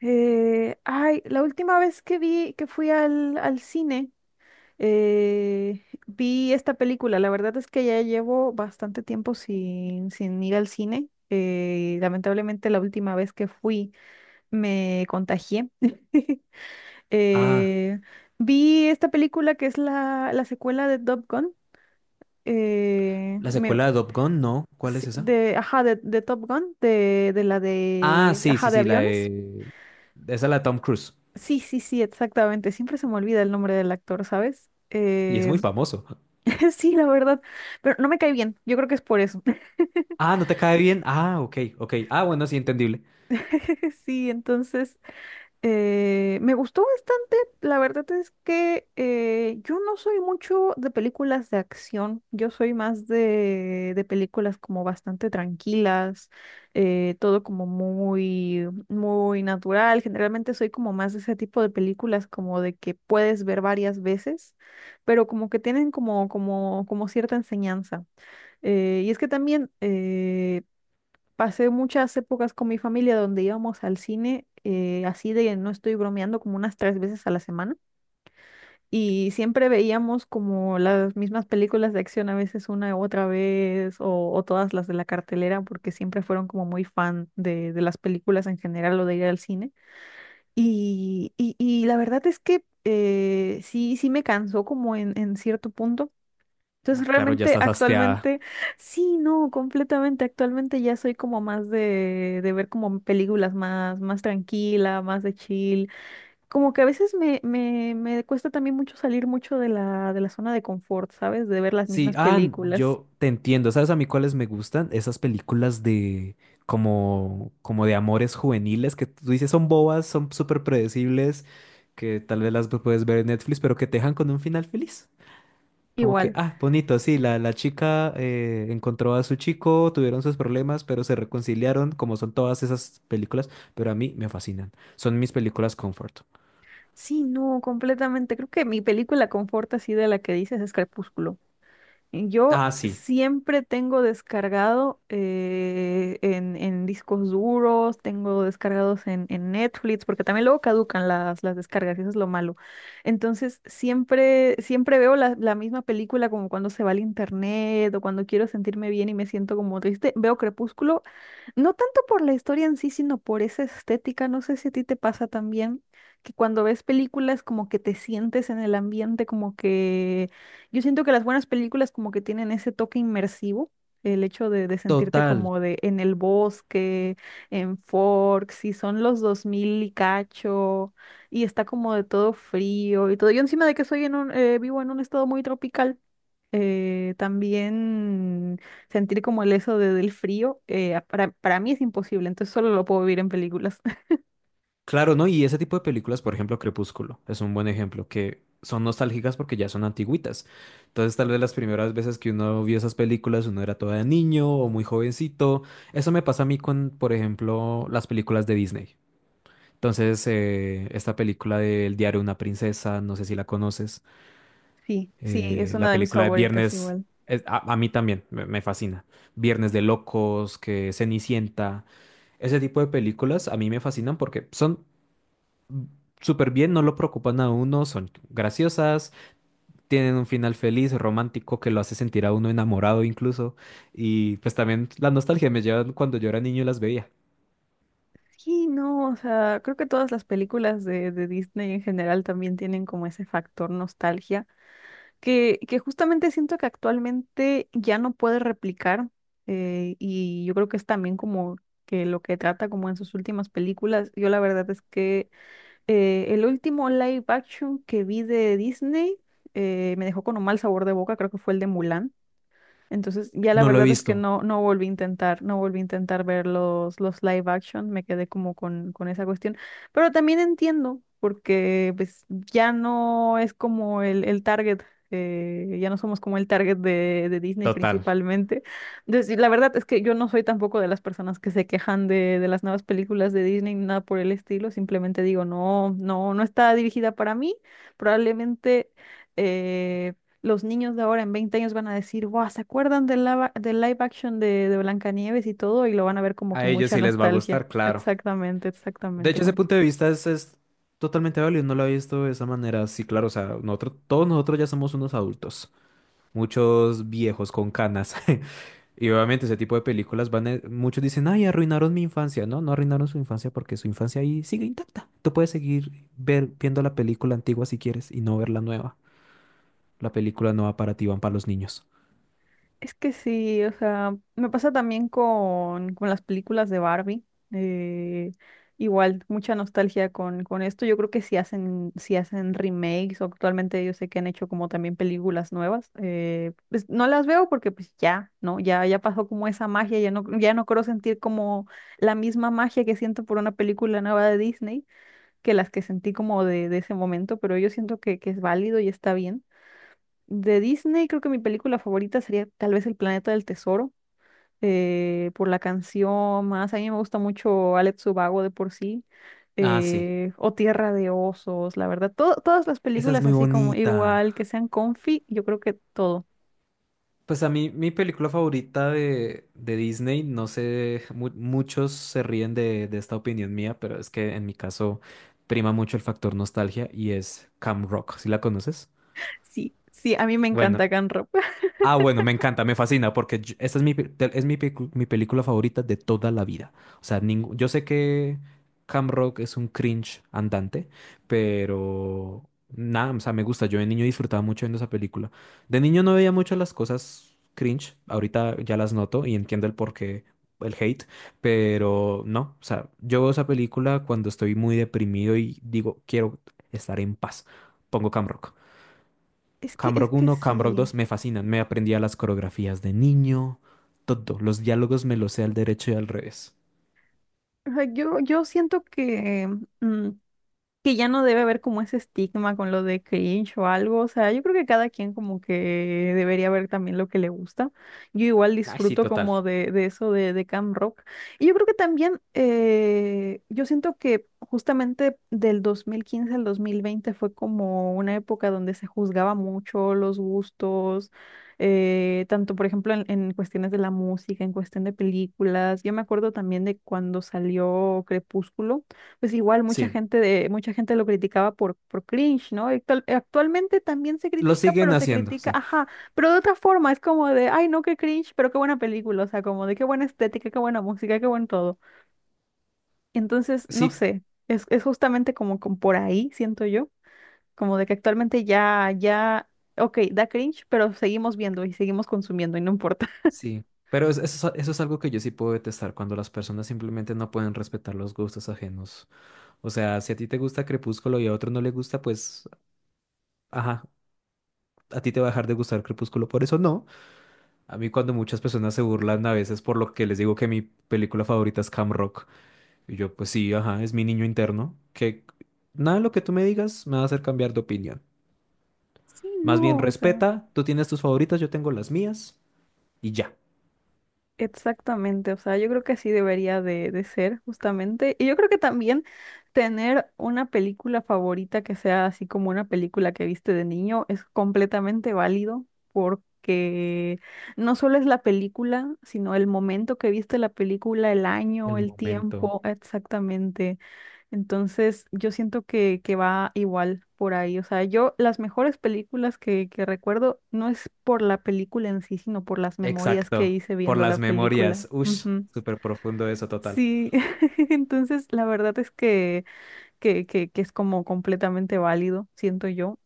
Ay, la última vez que vi, que fui al cine, vi esta película. La verdad es que ya llevo bastante tiempo sin ir al cine. Lamentablemente la última vez que fui me contagié. Ah, Eh, Vi esta película que es la secuela de Top Gun. eh, la me- secuela de Top Gun, no. ¿Cuál es sí, esa? de, ajá, de Top Gun, de la Ah, de, sí, ajá, sí, de sí, la aviones. de... Esa es la de Tom Cruise. Sí, sí, sí, exactamente. Siempre se me olvida el nombre del actor, ¿sabes? Y es muy famoso. sí, la verdad, pero no me cae bien. Yo creo que es por eso. Ah, ¿no te cae bien? Ah, ok, ok. Ah, bueno, sí, entendible. Sí, entonces, me gustó bastante. La verdad es que yo no soy mucho de películas de acción. Yo soy más de películas como bastante tranquilas, todo como muy natural. Generalmente soy como más de ese tipo de películas como de que puedes ver varias veces, pero como que tienen como cierta enseñanza. Y es que también, pasé muchas épocas con mi familia donde íbamos al cine, así de, no estoy bromeando, como unas 3 veces a la semana. Y siempre veíamos como las mismas películas de acción, a veces una u otra vez, o todas las de la cartelera, porque siempre fueron como muy fan de las películas en general o de ir al cine. Y la verdad es que sí, sí me cansó como en cierto punto, Ah, entonces claro, ya realmente estás hasteada. actualmente, sí, no, completamente, actualmente ya soy como más de ver como películas más, más tranquila, más de chill. Como que a veces me cuesta también mucho salir mucho de la zona de confort, ¿sabes? De ver las Sí, mismas ah, películas. yo te entiendo. ¿Sabes a mí cuáles me gustan? Esas películas de... como... como de amores juveniles que tú dices son bobas, son súper predecibles, que tal vez las puedes ver en Netflix, pero que te dejan con un final feliz. Como que, Igual. ah, bonito, sí, la chica encontró a su chico, tuvieron sus problemas, pero se reconciliaron, como son todas esas películas, pero a mí me fascinan. Son mis películas comfort. Sí, no, completamente. Creo que mi película confort así de la que dices es Crepúsculo. Yo Ah, sí, siempre tengo descargado en discos duros, tengo descargados en Netflix, porque también luego caducan las descargas, y eso es lo malo. Entonces, siempre veo la misma película como cuando se va al internet o cuando quiero sentirme bien y me siento como triste. Veo Crepúsculo no tanto por la historia en sí, sino por esa estética. No sé si a ti te pasa también que cuando ves películas como que te sientes en el ambiente, como que yo siento que las buenas películas como que tienen ese toque inmersivo, el hecho de sentirte total. como de en el bosque, en Forks, si son los 2000 y cacho, y está como de todo frío y todo. Yo encima de que soy en un, vivo en un estado muy tropical también sentir como el del frío, para mí es imposible, entonces solo lo puedo vivir en películas. Claro, ¿no? Y ese tipo de películas, por ejemplo, Crepúsculo, es un buen ejemplo, que son nostálgicas porque ya son antigüitas. Entonces, tal vez las primeras veces que uno vio esas películas, uno era todavía niño o muy jovencito. Eso me pasa a mí con, por ejemplo, las películas de Disney. Entonces, esta película de El diario de una princesa, no sé si la conoces, Sí, sí, es la una de mis película de favoritas Viernes, igual. a mí también me fascina. Viernes de Locos, que Cenicienta, ese tipo de películas a mí me fascinan porque son súper bien, no lo preocupan a uno, son graciosas, tienen un final feliz, romántico, que lo hace sentir a uno enamorado incluso. Y pues también la nostalgia me lleva cuando yo era niño y las veía. Sí, no, o sea, creo que todas las películas de Disney en general también tienen como ese factor nostalgia, que justamente siento que actualmente ya no puede replicar, y yo creo que es también como que lo que trata como en sus últimas películas, yo la verdad es que el último live action que vi de Disney me dejó con un mal sabor de boca, creo que fue el de Mulan. Entonces, ya la No lo he verdad es que visto. no, no volví a intentar, no volví a intentar ver los live action, me quedé como con esa cuestión. Pero también entiendo, porque pues ya no es como el target, ya no somos como el target de Disney Total. principalmente. Entonces, y la verdad es que yo no soy tampoco de las personas que se quejan de las nuevas películas de Disney, ni nada por el estilo, simplemente digo, no, no, no está dirigida para mí, probablemente... eh, los niños de ahora en 20 años van a decir, wow, ¿se acuerdan del live action de Blancanieves y todo? Y lo van a ver como A con ellos mucha sí les va a nostalgia. gustar, claro. Exactamente, De exactamente. hecho, ese punto de vista es totalmente válido, no lo había visto de esa manera. Sí, claro, o sea, nosotros, todos nosotros ya somos unos adultos, muchos viejos con canas. Y obviamente ese tipo de películas muchos dicen, ay, arruinaron mi infancia. No, no arruinaron su infancia porque su infancia ahí sigue intacta. Tú puedes viendo la película antigua si quieres y no ver la nueva. La película nueva para ti van para los niños. Es que sí, o sea, me pasa también con las películas de Barbie. eh, Igual, mucha nostalgia con esto. Yo creo que si hacen, si hacen remakes, o actualmente yo sé que han hecho como también películas nuevas. Pues no las veo porque pues ya, ¿no? Ya, ya pasó como esa magia, ya no, ya no creo sentir como la misma magia que siento por una película nueva de Disney que las que sentí como de ese momento, pero yo siento que es válido y está bien. De Disney, creo que mi película favorita sería tal vez El Planeta del Tesoro, por la canción más. A mí me gusta mucho Alex Subago de por sí, Ah, sí. O Tierra de Osos, la verdad. Todas las Esa es películas muy así como bonita. igual, que sean comfy, yo creo que todo. Pues a mí, mi película favorita de Disney, no sé, muchos se ríen de esta opinión mía, pero es que en mi caso prima mucho el factor nostalgia y es Cam Rock. ¿Sí la conoces? Sí, sí, a mí me Bueno, encanta Can Rock. ah, bueno, me encanta, me fascina, porque esta es es mi película favorita de toda la vida. O sea, yo sé que Cam Rock es un cringe andante, pero nada, o sea, me gusta. Yo de niño disfrutaba mucho viendo esa película. De niño no veía mucho las cosas cringe, ahorita ya las noto y entiendo el porqué, el hate, pero no, o sea, yo veo esa película cuando estoy muy deprimido y digo, quiero estar en paz. Pongo Cam Rock. Es Camrock que uno, Camrock sí. dos, me fascinan. Me aprendía las coreografías de niño, todo. Los diálogos me los sé al derecho y al revés. O sea, yo siento que mm, que ya no debe haber como ese estigma con lo de cringe o algo, o sea, yo creo que cada quien como que debería ver también lo que le gusta. Yo igual Ay, sí, disfruto total. como de eso de Camp Rock. Y yo creo que también, yo siento que justamente del 2015 al 2020 fue como una época donde se juzgaba mucho los gustos, tanto por ejemplo en cuestiones de la música, en cuestión de películas. Yo me acuerdo también de cuando salió Crepúsculo, pues igual mucha Sí. gente de, mucha gente lo criticaba por cringe, ¿no? Actualmente también se Lo critica, siguen pero se haciendo, critica, sí. ajá, pero de otra forma, es como de, ay, no, qué cringe, pero qué buena película, o sea, como de qué buena estética, qué buena música, qué buen todo. Entonces, no Sí, sé, es justamente como, como por ahí, siento yo, como de que actualmente ok, da cringe, pero seguimos viendo y seguimos consumiendo y no importa. sí. Pero es- eso, es eso es algo que yo sí puedo detestar, cuando las personas simplemente no pueden respetar los gustos ajenos. O sea, si a ti te gusta Crepúsculo y a otro no le gusta, pues, ajá, a ti te va a dejar de gustar Crepúsculo, por eso no. A mí cuando muchas personas se burlan a veces por lo que les digo que mi película favorita es Cam Rock. Y yo, pues sí, ajá, es mi niño interno, que nada de lo que tú me digas me va a hacer cambiar de opinión. Sí, Más bien no, o sea. respeta, tú tienes tus favoritas, yo tengo las mías y ya. Exactamente, o sea, yo creo que así debería de ser justamente. Y yo creo que también tener una película favorita que sea así como una película que viste de niño es completamente válido porque no solo es la película, sino el momento que viste la película, el El año, el momento. tiempo, exactamente. Entonces, yo siento que va igual por ahí. O sea, yo las mejores películas que recuerdo no es por la película en sí, sino por las memorias que Exacto. hice Por viendo la las película. memorias. Ush, Ujú. súper profundo eso, total. Sí, entonces la verdad es que, que es como completamente válido, siento yo.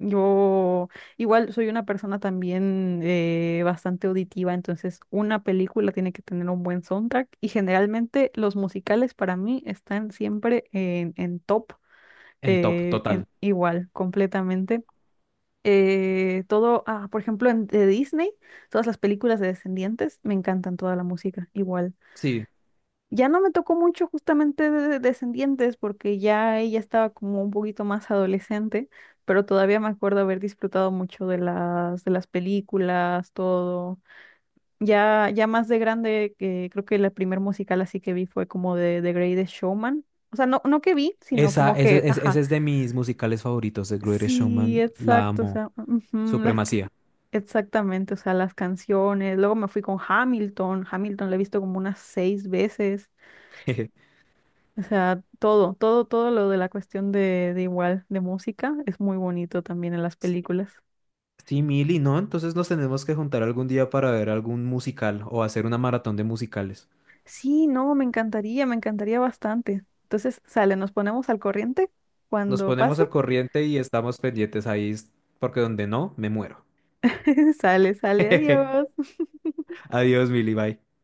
Yo igual soy una persona también bastante auditiva, entonces una película tiene que tener un buen soundtrack y generalmente los musicales para mí están siempre en top En top, total. Igual, completamente. Por ejemplo, de Disney, todas las películas de Descendientes, me encantan toda la música, igual. Sí. Ya no me tocó mucho justamente de Descendientes porque ya ella estaba como un poquito más adolescente, pero todavía me acuerdo haber disfrutado mucho de las películas, todo. Ya, ya más de grande, que creo que la primer musical así que vi fue como de The Greatest Showman. O sea, no, no que vi, sino Esa, como que, ese, ese- ajá. ese es de mis musicales favoritos, The Greatest Sí, Showman, la exacto, o amo. sea, ujú, Supremacía. exactamente, o sea, las canciones. Luego me fui con Hamilton, Hamilton la he visto como unas 6 veces. O sea, todo lo de la cuestión de igual, de música, es muy bonito también en las películas. Sí, Mili, ¿no? Entonces nos tenemos que juntar algún día para ver algún musical o hacer una maratón de musicales. Sí, no, me encantaría bastante. Entonces, sale, nos ponemos al corriente Nos cuando ponemos pase. al corriente y estamos pendientes ahí, porque donde no, me muero. Sale, adiós. Adiós, Mili, bye.